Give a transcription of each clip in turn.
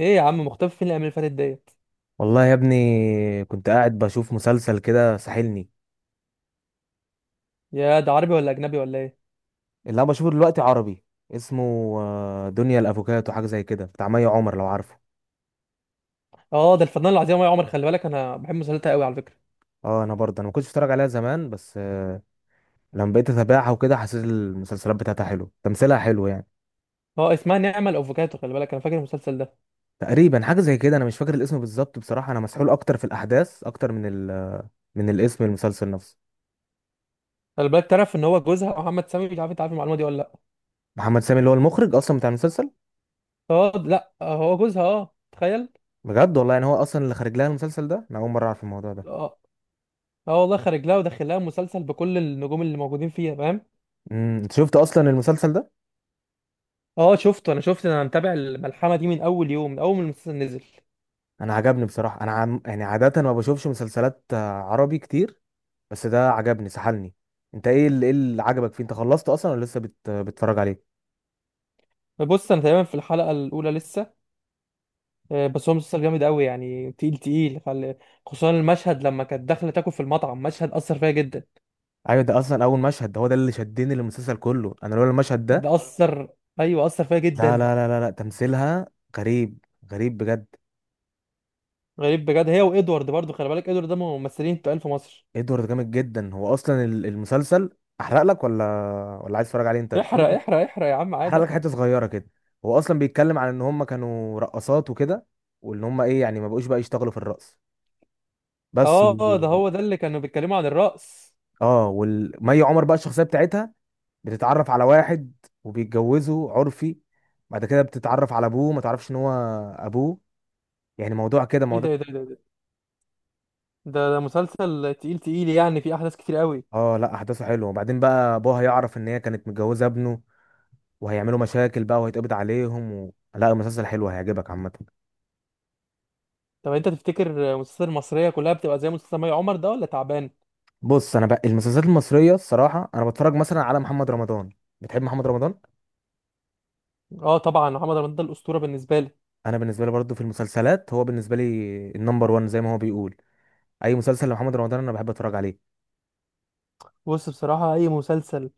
ايه يا عم، مختفي فين الايام اللي فاتت ديت؟ والله يا ابني، كنت قاعد بشوف مسلسل كده ساحلني. يا ده عربي ولا اجنبي ولا ايه؟ اللي انا بشوفه دلوقتي عربي. اسمه دنيا الافوكاتو، حاجه زي كده بتاع مي عمر لو عارفه. اه، ده الفنان العظيم يا عمر. خلي بالك انا بحب مسلسلاتها قوي على فكره. اه، انا برضه انا ما كنتش بتفرج عليها زمان، بس لما بقيت اتابعها وكده، حسيت المسلسلات بتاعتها حلو، تمثيلها حلو يعني. اه اسمها نعمة الافوكاتو. خلي بالك انا فاكر المسلسل ده. تقريبا حاجه زي كده، انا مش فاكر الاسم بالظبط بصراحه، انا مسحول اكتر في الاحداث اكتر من من الاسم المسلسل نفسه. خلي بالك، تعرف ان هو جوزها محمد سامي؟ مش عارف انت عارف المعلومه دي ولا لا. محمد سامي اللي هو المخرج اصلا بتاع المسلسل؟ اه لا هو جوزها، اه، تخيل. بجد والله! يعني هو اصلا اللي خرج لها المسلسل ده، انا اول مره اعرف الموضوع ده. اه. اه والله، خارج لها وداخل لها مسلسل بكل النجوم اللي موجودين فيها، فاهم؟ انت شفت اصلا المسلسل ده؟ اه شفته، انا شفت، انا متابع الملحمه دي من اول يوم، من اول ما المسلسل نزل. انا عجبني بصراحه، يعني عاده ما بشوفش مسلسلات عربي كتير، بس ده عجبني سحلني. انت إيه اللي عجبك فيه؟ انت خلصت اصلا ولا لسه بتتفرج عليه؟ بص انا تقريبا في الحلقه الاولى لسه. بس هو مسلسل جامد قوي يعني، تقيل تقيل، خصوصا المشهد لما كانت داخله تاكل في المطعم، مشهد اثر فيها جدا. ايوه ده اصلا اول مشهد، ده هو ده اللي شدني للمسلسل كله، انا لولا المشهد ده. ده اثر. ايوه اثر فيها لا جدا. لا لا لا، لا. تمثيلها غريب، غريب بجد. غريب بجد، هي وادوارد برضو. خلي بالك ادوارد ده ممثلين تقال في مصر. ادوارد جامد جدا، هو اصلا المسلسل، احرق لك ولا عايز تتفرج عليه انت؟ أنا احرق ممكن احرق احرق يا عم، عادي، احرق لك احرق. حته صغيره كده. هو اصلا بيتكلم عن ان هم كانوا رقصات وكده، وان هم ايه يعني، ما بقوش بقى يشتغلوا في الرقص، بس. اه ده هو ده اللي كانوا بيتكلموا عن الرقص. اه، والمي عمر بقى الشخصيه بتاعتها بتتعرف على واحد وبيتجوزه عرفي، بعد كده بتتعرف على ابوه، ما تعرفش ان هو ابوه، يعني موضوع كده ايه ده، موضوع. ايه ده، ايه ده، إيه ده؟ ده ده مسلسل تقيل تقيل يعني، فيه احداث كتير قوي. اه لا، احداثه حلوه، وبعدين بقى ابوها يعرف ان هي كانت متجوزه ابنه، وهيعملوا مشاكل بقى، وهيتقبض عليهم لا، المسلسل حلو هيعجبك عامه. طب انت تفتكر مسلسل المصريه كلها بتبقى زي مسلسل مي عمر ده ولا تعبان؟ بص، انا بقى المسلسلات المصريه الصراحه انا بتفرج مثلا على محمد رمضان. بتحب محمد رمضان؟ اه طبعا، محمد رمضان ده الاسطوره بالنسبه لي. انا بالنسبه لي برضو في المسلسلات، هو بالنسبه لي النمبر وان زي ما هو بيقول. اي مسلسل لمحمد رمضان انا بحب اتفرج عليه. بص بصراحه، اي مسلسل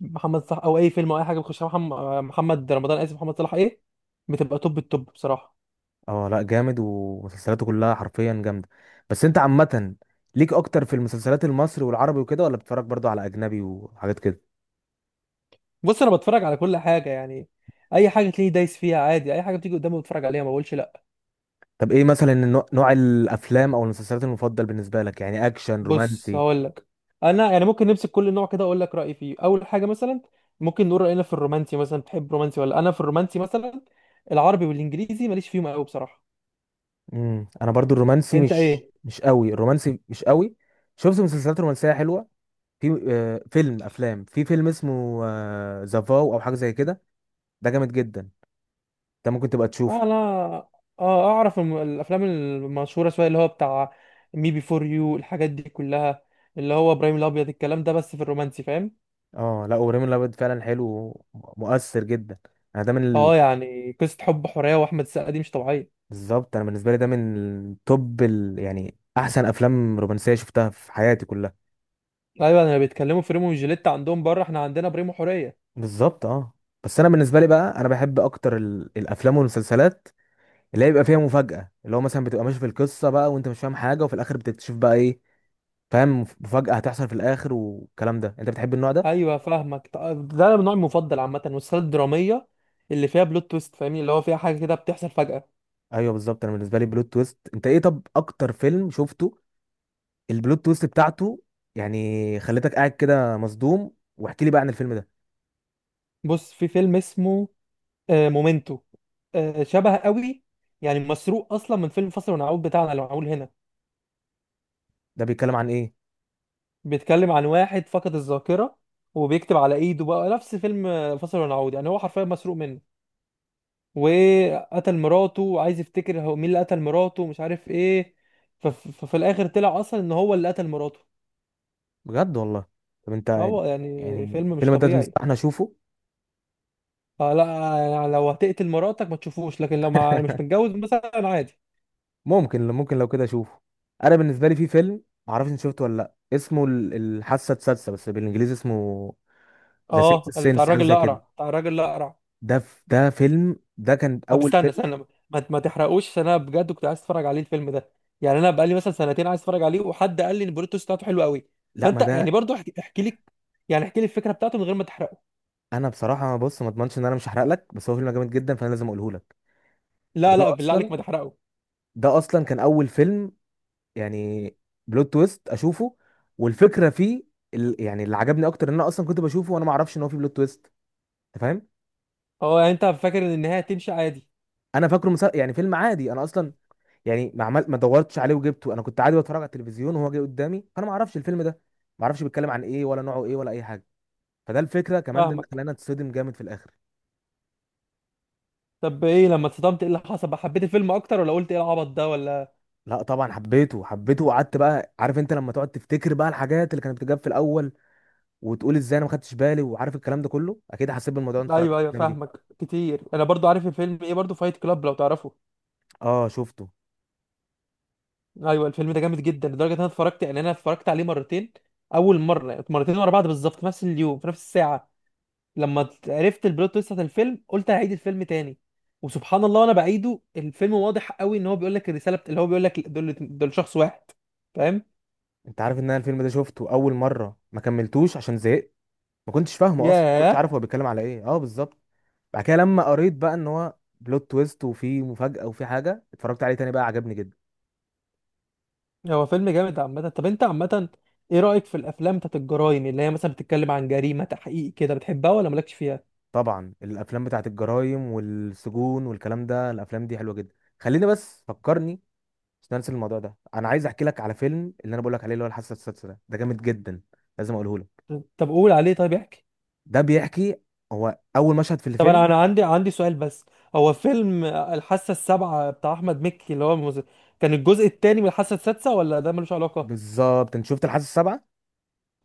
محمد صلاح او اي فيلم او اي حاجه بيخشها محمد، محمد رمضان، اسف محمد صلاح، ايه، بتبقى توب التوب بصراحه. اه لا، جامد، ومسلسلاته كلها حرفيا جامده. بس انت عامه، ليك اكتر في المسلسلات المصري والعربي وكده، ولا بتتفرج برضو على اجنبي وحاجات كده؟ بص انا بتفرج على كل حاجه يعني، اي حاجه تلاقيني دايس فيها عادي، اي حاجه بتيجي قدامي بتفرج عليها ما بقولش لا. طب ايه مثلا نوع الافلام او المسلسلات المفضل بالنسبه لك؟ يعني اكشن، بص رومانسي؟ هقول لك، انا يعني ممكن نمسك كل نوع كده اقول لك رايي فيه. اول حاجه مثلا، ممكن نقول راينا في الرومانسي مثلا. بتحب رومانسي ولا؟ انا في الرومانسي مثلا، العربي والانجليزي ماليش فيهم قوي بصراحه. انا برضو الرومانسي انت مش ايه؟ مش قوي، الرومانسي مش قوي. شفت مسلسلات رومانسيه حلوه، في فيلم اسمه ذا فاو او حاجه زي كده، ده جامد جدا، ده ممكن تبقى اه تشوفه. انا، اه اعرف الافلام المشهوره شويه، اللي هو بتاع مي بي فور يو، الحاجات دي كلها، اللي هو ابراهيم الابيض، الكلام ده، بس في الرومانسي فاهم. اه لا، ابراهيم الابيض فعلا حلو ومؤثر جدا، انا ده من. اه يعني قصه حب حوريه واحمد السقا دي مش طبيعيه. بالظبط، انا بالنسبه لي ده من توب يعني احسن افلام رومانسيه شفتها في حياتي كلها. ايوه انا بيتكلموا في ريمو وجيليتا عندهم بره، احنا عندنا بريمو حوريه. بالظبط اه، بس انا بالنسبه لي بقى انا بحب اكتر الافلام والمسلسلات اللي هي بيبقى فيها مفاجاه، اللي هو مثلا بتبقى ماشي في القصه بقى وانت مش فاهم حاجه، وفي الاخر بتكتشف بقى ايه. فاهم، مفاجاه هتحصل في الاخر والكلام ده، انت بتحب النوع ده؟ ايوه فاهمك. ده النوع المفضل عامه، والسلسله الدراميه اللي فيها بلوت تويست فاهمني، اللي هو فيها حاجه كده بتحصل فجاه. ايوه بالظبط، انا بالنسبه لي بلوت تويست. انت ايه، طب اكتر فيلم شفته البلوت تويست بتاعته؟ يعني خليتك قاعد كده مصدوم، واحكي لي بقى عن الفيلم ده، بص في فيلم اسمه مومنتو. شبه قوي، يعني مسروق اصلا من فيلم فاصل ونعود بتاعنا اللي معمول هنا. ده بيتكلم عن ايه؟ بيتكلم عن واحد فقد الذاكرة، وبيكتب على ايده بقى، نفس فيلم فاصل ونعود، يعني هو حرفيا مسروق منه. وقتل مراته وعايز يفتكر هو مين اللي قتل مراته ومش عارف ايه. فف- ففي الاخر طلع اصلا ان هو اللي قتل مراته. بجد والله! طب انت، هو يعني يعني فيلم مش الفيلم ده طبيعي. تنصحني اشوفه؟ لا يعني لو هتقتل مراتك ما تشوفوش، لكن لو مع مش متجوز مثلا عادي. ممكن لو كده اشوفه. انا بالنسبه لي في فيلم، معرفش انت شفته ولا لا، اسمه الحاسه السادسه، بس بالانجليزي اسمه ذا سيكس اه بتاع سينس حاجه الراجل زي كده، الاقرع، بتاع الراجل الاقرع. ده فيلم، ده كان طب اول استنى فيلم. استنى، ما تحرقوش، عشان انا بجد كنت عايز اتفرج عليه الفيلم ده. يعني انا بقالي مثلا سنتين عايز اتفرج عليه، وحد قال لي ان البلوت تويست بتاعته حلو قوي. لا ما فانت يعني ده، برضو احكي لي، يعني احكي لي الفكره بتاعته من غير ما تحرقه. انا بصراحه بص ما اضمنش ان انا مش هحرق لك، بس هو فيلم جامد جدا فانا لازم اقوله لك. لا لا، وده بالله عليك اصلا ما تحرقه. ده اصلا كان اول فيلم، يعني بلوت تويست اشوفه، والفكره فيه، يعني اللي عجبني اكتر ان انا اصلا كنت بشوفه وانا ما اعرفش ان هو فيه بلوت تويست، انت فاهم. هو يعني انت فاكر ان النهايه تمشي عادي. انا فاكره يعني فيلم عادي انا اصلا، يعني ما دورتش عليه وجبته، انا كنت عادي بتفرج على التلفزيون وهو جاي قدامي، فانا ما اعرفش الفيلم ده، ما اعرفش بيتكلم عن ايه ولا نوعه ايه ولا اي حاجه، فده الفكره كمان، ده اللي فاهمك. خلاني اتصدم جامد في الاخر. طب ايه لما اتصدمت، ايه اللي حصل بقى؟ حبيت الفيلم اكتر ولا قلت ايه العبط ده ولا؟ لا طبعا حبيته، حبيته، وقعدت بقى، عارف انت لما تقعد تفتكر بقى الحاجات اللي كانت بتجاب في الاول، وتقول ازاي انا ما خدتش بالي وعارف الكلام ده كله، اكيد حسيت بالموضوع وانت اتفرجت ايوه على ايوه الافلام دي. فاهمك. كتير. انا برضو عارف الفيلم ايه، برضو فايت كلاب، لو تعرفه. اه شفته. ايوه الفيلم ده جامد جدا، لدرجه ان انا اتفرجت، يعني انا اتفرجت عليه مرتين. اول مره مرتين ورا بعض بالظبط، في نفس اليوم في نفس الساعه. لما عرفت البلوت تويست بتاعت الفيلم، قلت هعيد الفيلم تاني. وسبحان الله، وانا بعيده الفيلم واضح قوي ان هو بيقول لك الرساله اللي هو بيقول لك دول دول شخص واحد، فاهم؟ انت عارف ان انا الفيلم ده شفته اول مره ما كملتوش عشان زهقت، ما كنتش فاهمه اصلا، ما كنتش ياه. عارف هو بيتكلم على ايه. اه بالظبط، بعد كده لما قريت بقى ان هو بلوت تويست وفي مفاجأة وفي حاجة، اتفرجت عليه تاني بقى عجبني جدا. هو فيلم جامد عامه. طب انت عامه ايه رايك في الافلام بتاعت الجرايم، اللي هي مثلا بتتكلم عن جريمه، تحقيق كده، بتحبها ولا مالكش فيها؟ طبعا الافلام بتاعت الجرايم والسجون والكلام ده، الافلام دي حلوة جدا. خليني بس فكرني، مش ننسى الموضوع ده، انا عايز احكي لك على فيلم، اللي انا بقول لك عليه، اللي هو الحاسة السادسة ده جامد جدا، لازم اقوله لك. طب قول عليه، طيب احكي. ده بيحكي، هو اول مشهد في طب انا، الفيلم. انا عندي، عندي سؤال بس. هو فيلم الحاسه السابعه بتاع احمد مكي اللي هو كان الجزء الثاني من الحاسه السادسه ولا ده ملوش علاقه؟ بالظبط، انت شفت الحاسة السابعة؟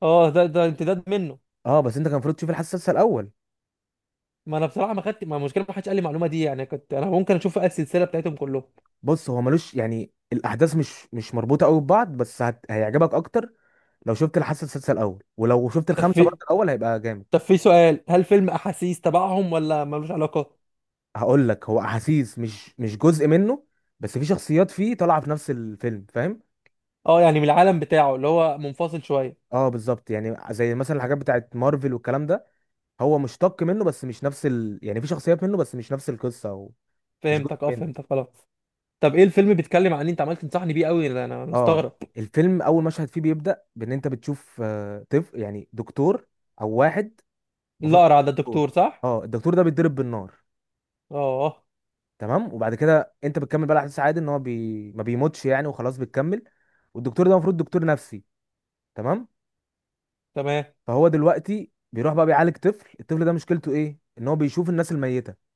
اه ده ده امتداد منه. اه، بس انت كان المفروض تشوف الحاسة السادسة الاول. ما انا بصراحه ما خدت، ما المشكله ما حدش قال لي المعلومه دي، يعني كنت انا ممكن اشوف بقى السلسله بتاعتهم كلهم. بص، هو ملوش يعني الاحداث مش مربوطه قوي ببعض، بس هيعجبك اكتر لو شفت الحاسه السادسه الاول، ولو شفت طب الخمسه برضه في الاول هيبقى جامد. طب في سؤال، هل فيلم احاسيس تبعهم ولا ملوش علاقه؟ هقول لك، هو احاسيس مش جزء منه، بس في شخصيات فيه طالعه في نفس الفيلم، فاهم. اه يعني من العالم بتاعه، اللي هو منفصل شويه. اه بالظبط، يعني زي مثلا الحاجات بتاعت مارفل والكلام ده، هو مشتق منه بس مش نفس يعني في شخصيات منه بس مش نفس القصه، او مش جزء فهمتك، اه منه. فهمتك خلاص. طب ايه الفيلم بيتكلم عن إيه؟ انت عمال تنصحني بيه قوي، انا أنا اه، مستغرب. الفيلم اول مشهد فيه بيبدا بان انت بتشوف طفل، يعني دكتور او واحد المفروض الاقرع ده الدكتور دكتور. صح؟ اه الدكتور ده بيتضرب بالنار، اه. تمام، وبعد كده انت بتكمل بقى الاحداث عادي، ان هو ما بيموتش يعني وخلاص بتكمل، والدكتور ده المفروض دكتور نفسي، تمام. تمام. فهو دلوقتي بيروح بقى بيعالج طفل، الطفل ده مشكلته ايه، ان هو بيشوف الناس الميتة.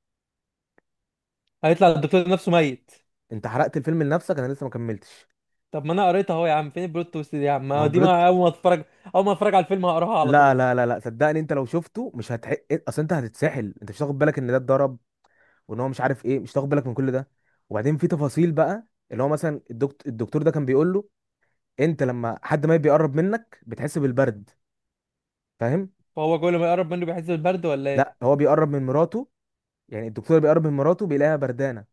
هيطلع الدكتور نفسه ميت. انت حرقت الفيلم لنفسك، انا لسه ما كملتش. طب ما انا قريتها اهو يا عم، فين البلوت تويست دي يا عم؟ ما ما هو دي ما بلوت. اول ما اتفرج، اول ما اتفرج على الفيلم هقراها على لا طول. لا لا لا، صدقني انت لو شفته مش هتح، اصل انت هتتسحل، انت مش هتاخد بالك ان ده اتضرب وان هو مش عارف ايه، مش هتاخد بالك من كل ده. وبعدين في تفاصيل بقى، اللي هو مثلا الدكتور ده كان بيقول له، انت لما حد ما بيقرب منك بتحس بالبرد، فاهم. فهو كل ما يقرب منه بيحس بالبرد ولا ايه؟ لا، هو بيقرب من مراته، يعني الدكتور بيقرب من مراته بيلاقيها بردانه،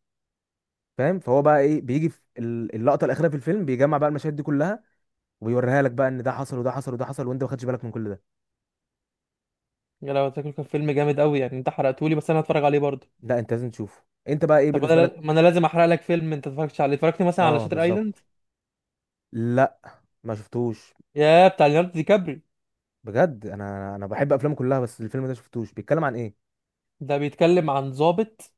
فاهم. فهو بقى ايه، بيجي في اللقطه الاخيره في الفيلم، بيجمع بقى المشاهد دي كلها، وبيوريها لك بقى ان ده حصل وده حصل وده حصل وانت ما خدتش بالك من كل ده. يا لو تاكل، كان فيلم جامد قوي يعني، انت حرقتولي، بس انا هتفرج عليه برضه. لا، انت لازم تشوفه. انت بقى ايه طب بالنسبه انا، ما لك؟ انا لازم احرق لك فيلم انت اتفرجتش عليه. اتفرجت مثلا على اه شاتر ايلاند؟ بالظبط. لا ما شفتوش. يا بتاع ليوناردو دي كابري. بجد! انا بحب افلامه كلها، بس الفيلم ده شفتوش، بيتكلم عن ايه؟ ده بيتكلم عن ضابط،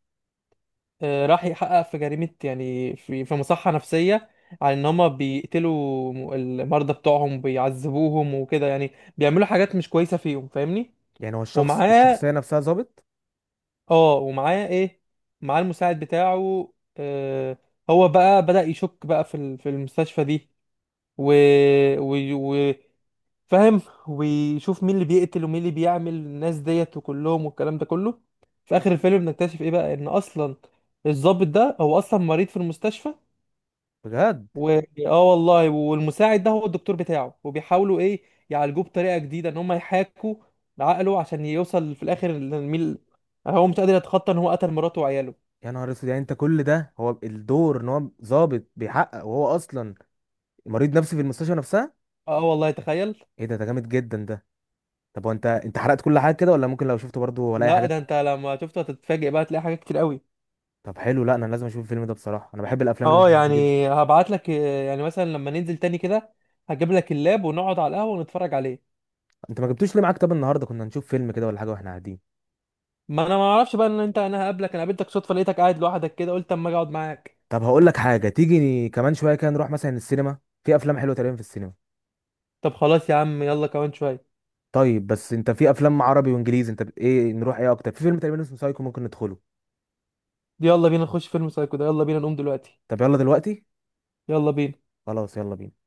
راح يحقق في جريمة يعني، في في مصحة نفسية، على ان هما بيقتلوا المرضى بتوعهم، بيعذبوهم وكده يعني، بيعملوا حاجات مش كويسة فيهم فاهمني. يعني هو ومعاه. الشخصيه نفسها ظابط؟ اه ومعاه ايه. معاه المساعد بتاعه. هو بقى بدأ يشك بقى في في المستشفى دي، و... و... و... فاهم؟ ويشوف مين اللي بيقتل ومين اللي بيعمل الناس ديت وكلهم والكلام ده كله. في اخر الفيلم بنكتشف ايه بقى، ان اصلا الضابط ده هو اصلا مريض في المستشفى. بجد! و، اه والله. والمساعد ده هو الدكتور بتاعه، وبيحاولوا ايه، يعالجوه بطريقه جديده، ان هم يحاكوا عقله عشان يوصل في الاخر لمين. هو مش قادر يتخطى ان هو قتل مراته وعياله. يا نهار اسود! يعني انت كل ده هو الدور ان هو ظابط بيحقق وهو اصلا مريض نفسي في المستشفى نفسها! اه والله تخيل. ايه ده جامد جدا ده. طب هو انت، حرقت كل حاجه كده، ولا ممكن لو شفته برضه ولا اي لا حاجه؟ ده انت لما شفته هتتفاجئ بقى، هتلاقي حاجات كتير قوي. طب حلو، لا انا لازم اشوف الفيلم ده بصراحه، انا بحب الافلام اللي اه دي جدا. يعني هبعت لك، يعني مثلا لما ننزل تاني كده هجيب لك اللاب ونقعد على القهوه ونتفرج عليه. انت ما جبتوش ليه معاك؟ طب النهارده كنا هنشوف فيلم كده ولا حاجه واحنا قاعدين. ما انا ما اعرفش بقى ان انت، انا هقابلك، انا قابلتك صدفه، لقيتك قاعد لوحدك كده قلت اما اجي اقعد معاك. طب هقول لك حاجه، تيجي كمان شويه كده نروح مثلا السينما، في افلام حلوه تقريبا في السينما. طب خلاص يا عم، يلا كمان شويه. طيب، بس انت في افلام عربي وانجليزي انت ايه؟ نروح ايه اكتر؟ في فيلم تقريبا اسمه سايكو، ممكن ندخله. يلا بينا نخش فيلم سايكو ده، يلا بينا نقوم دلوقتي. طب يلا دلوقتي. يلا بينا. خلاص يلا بينا.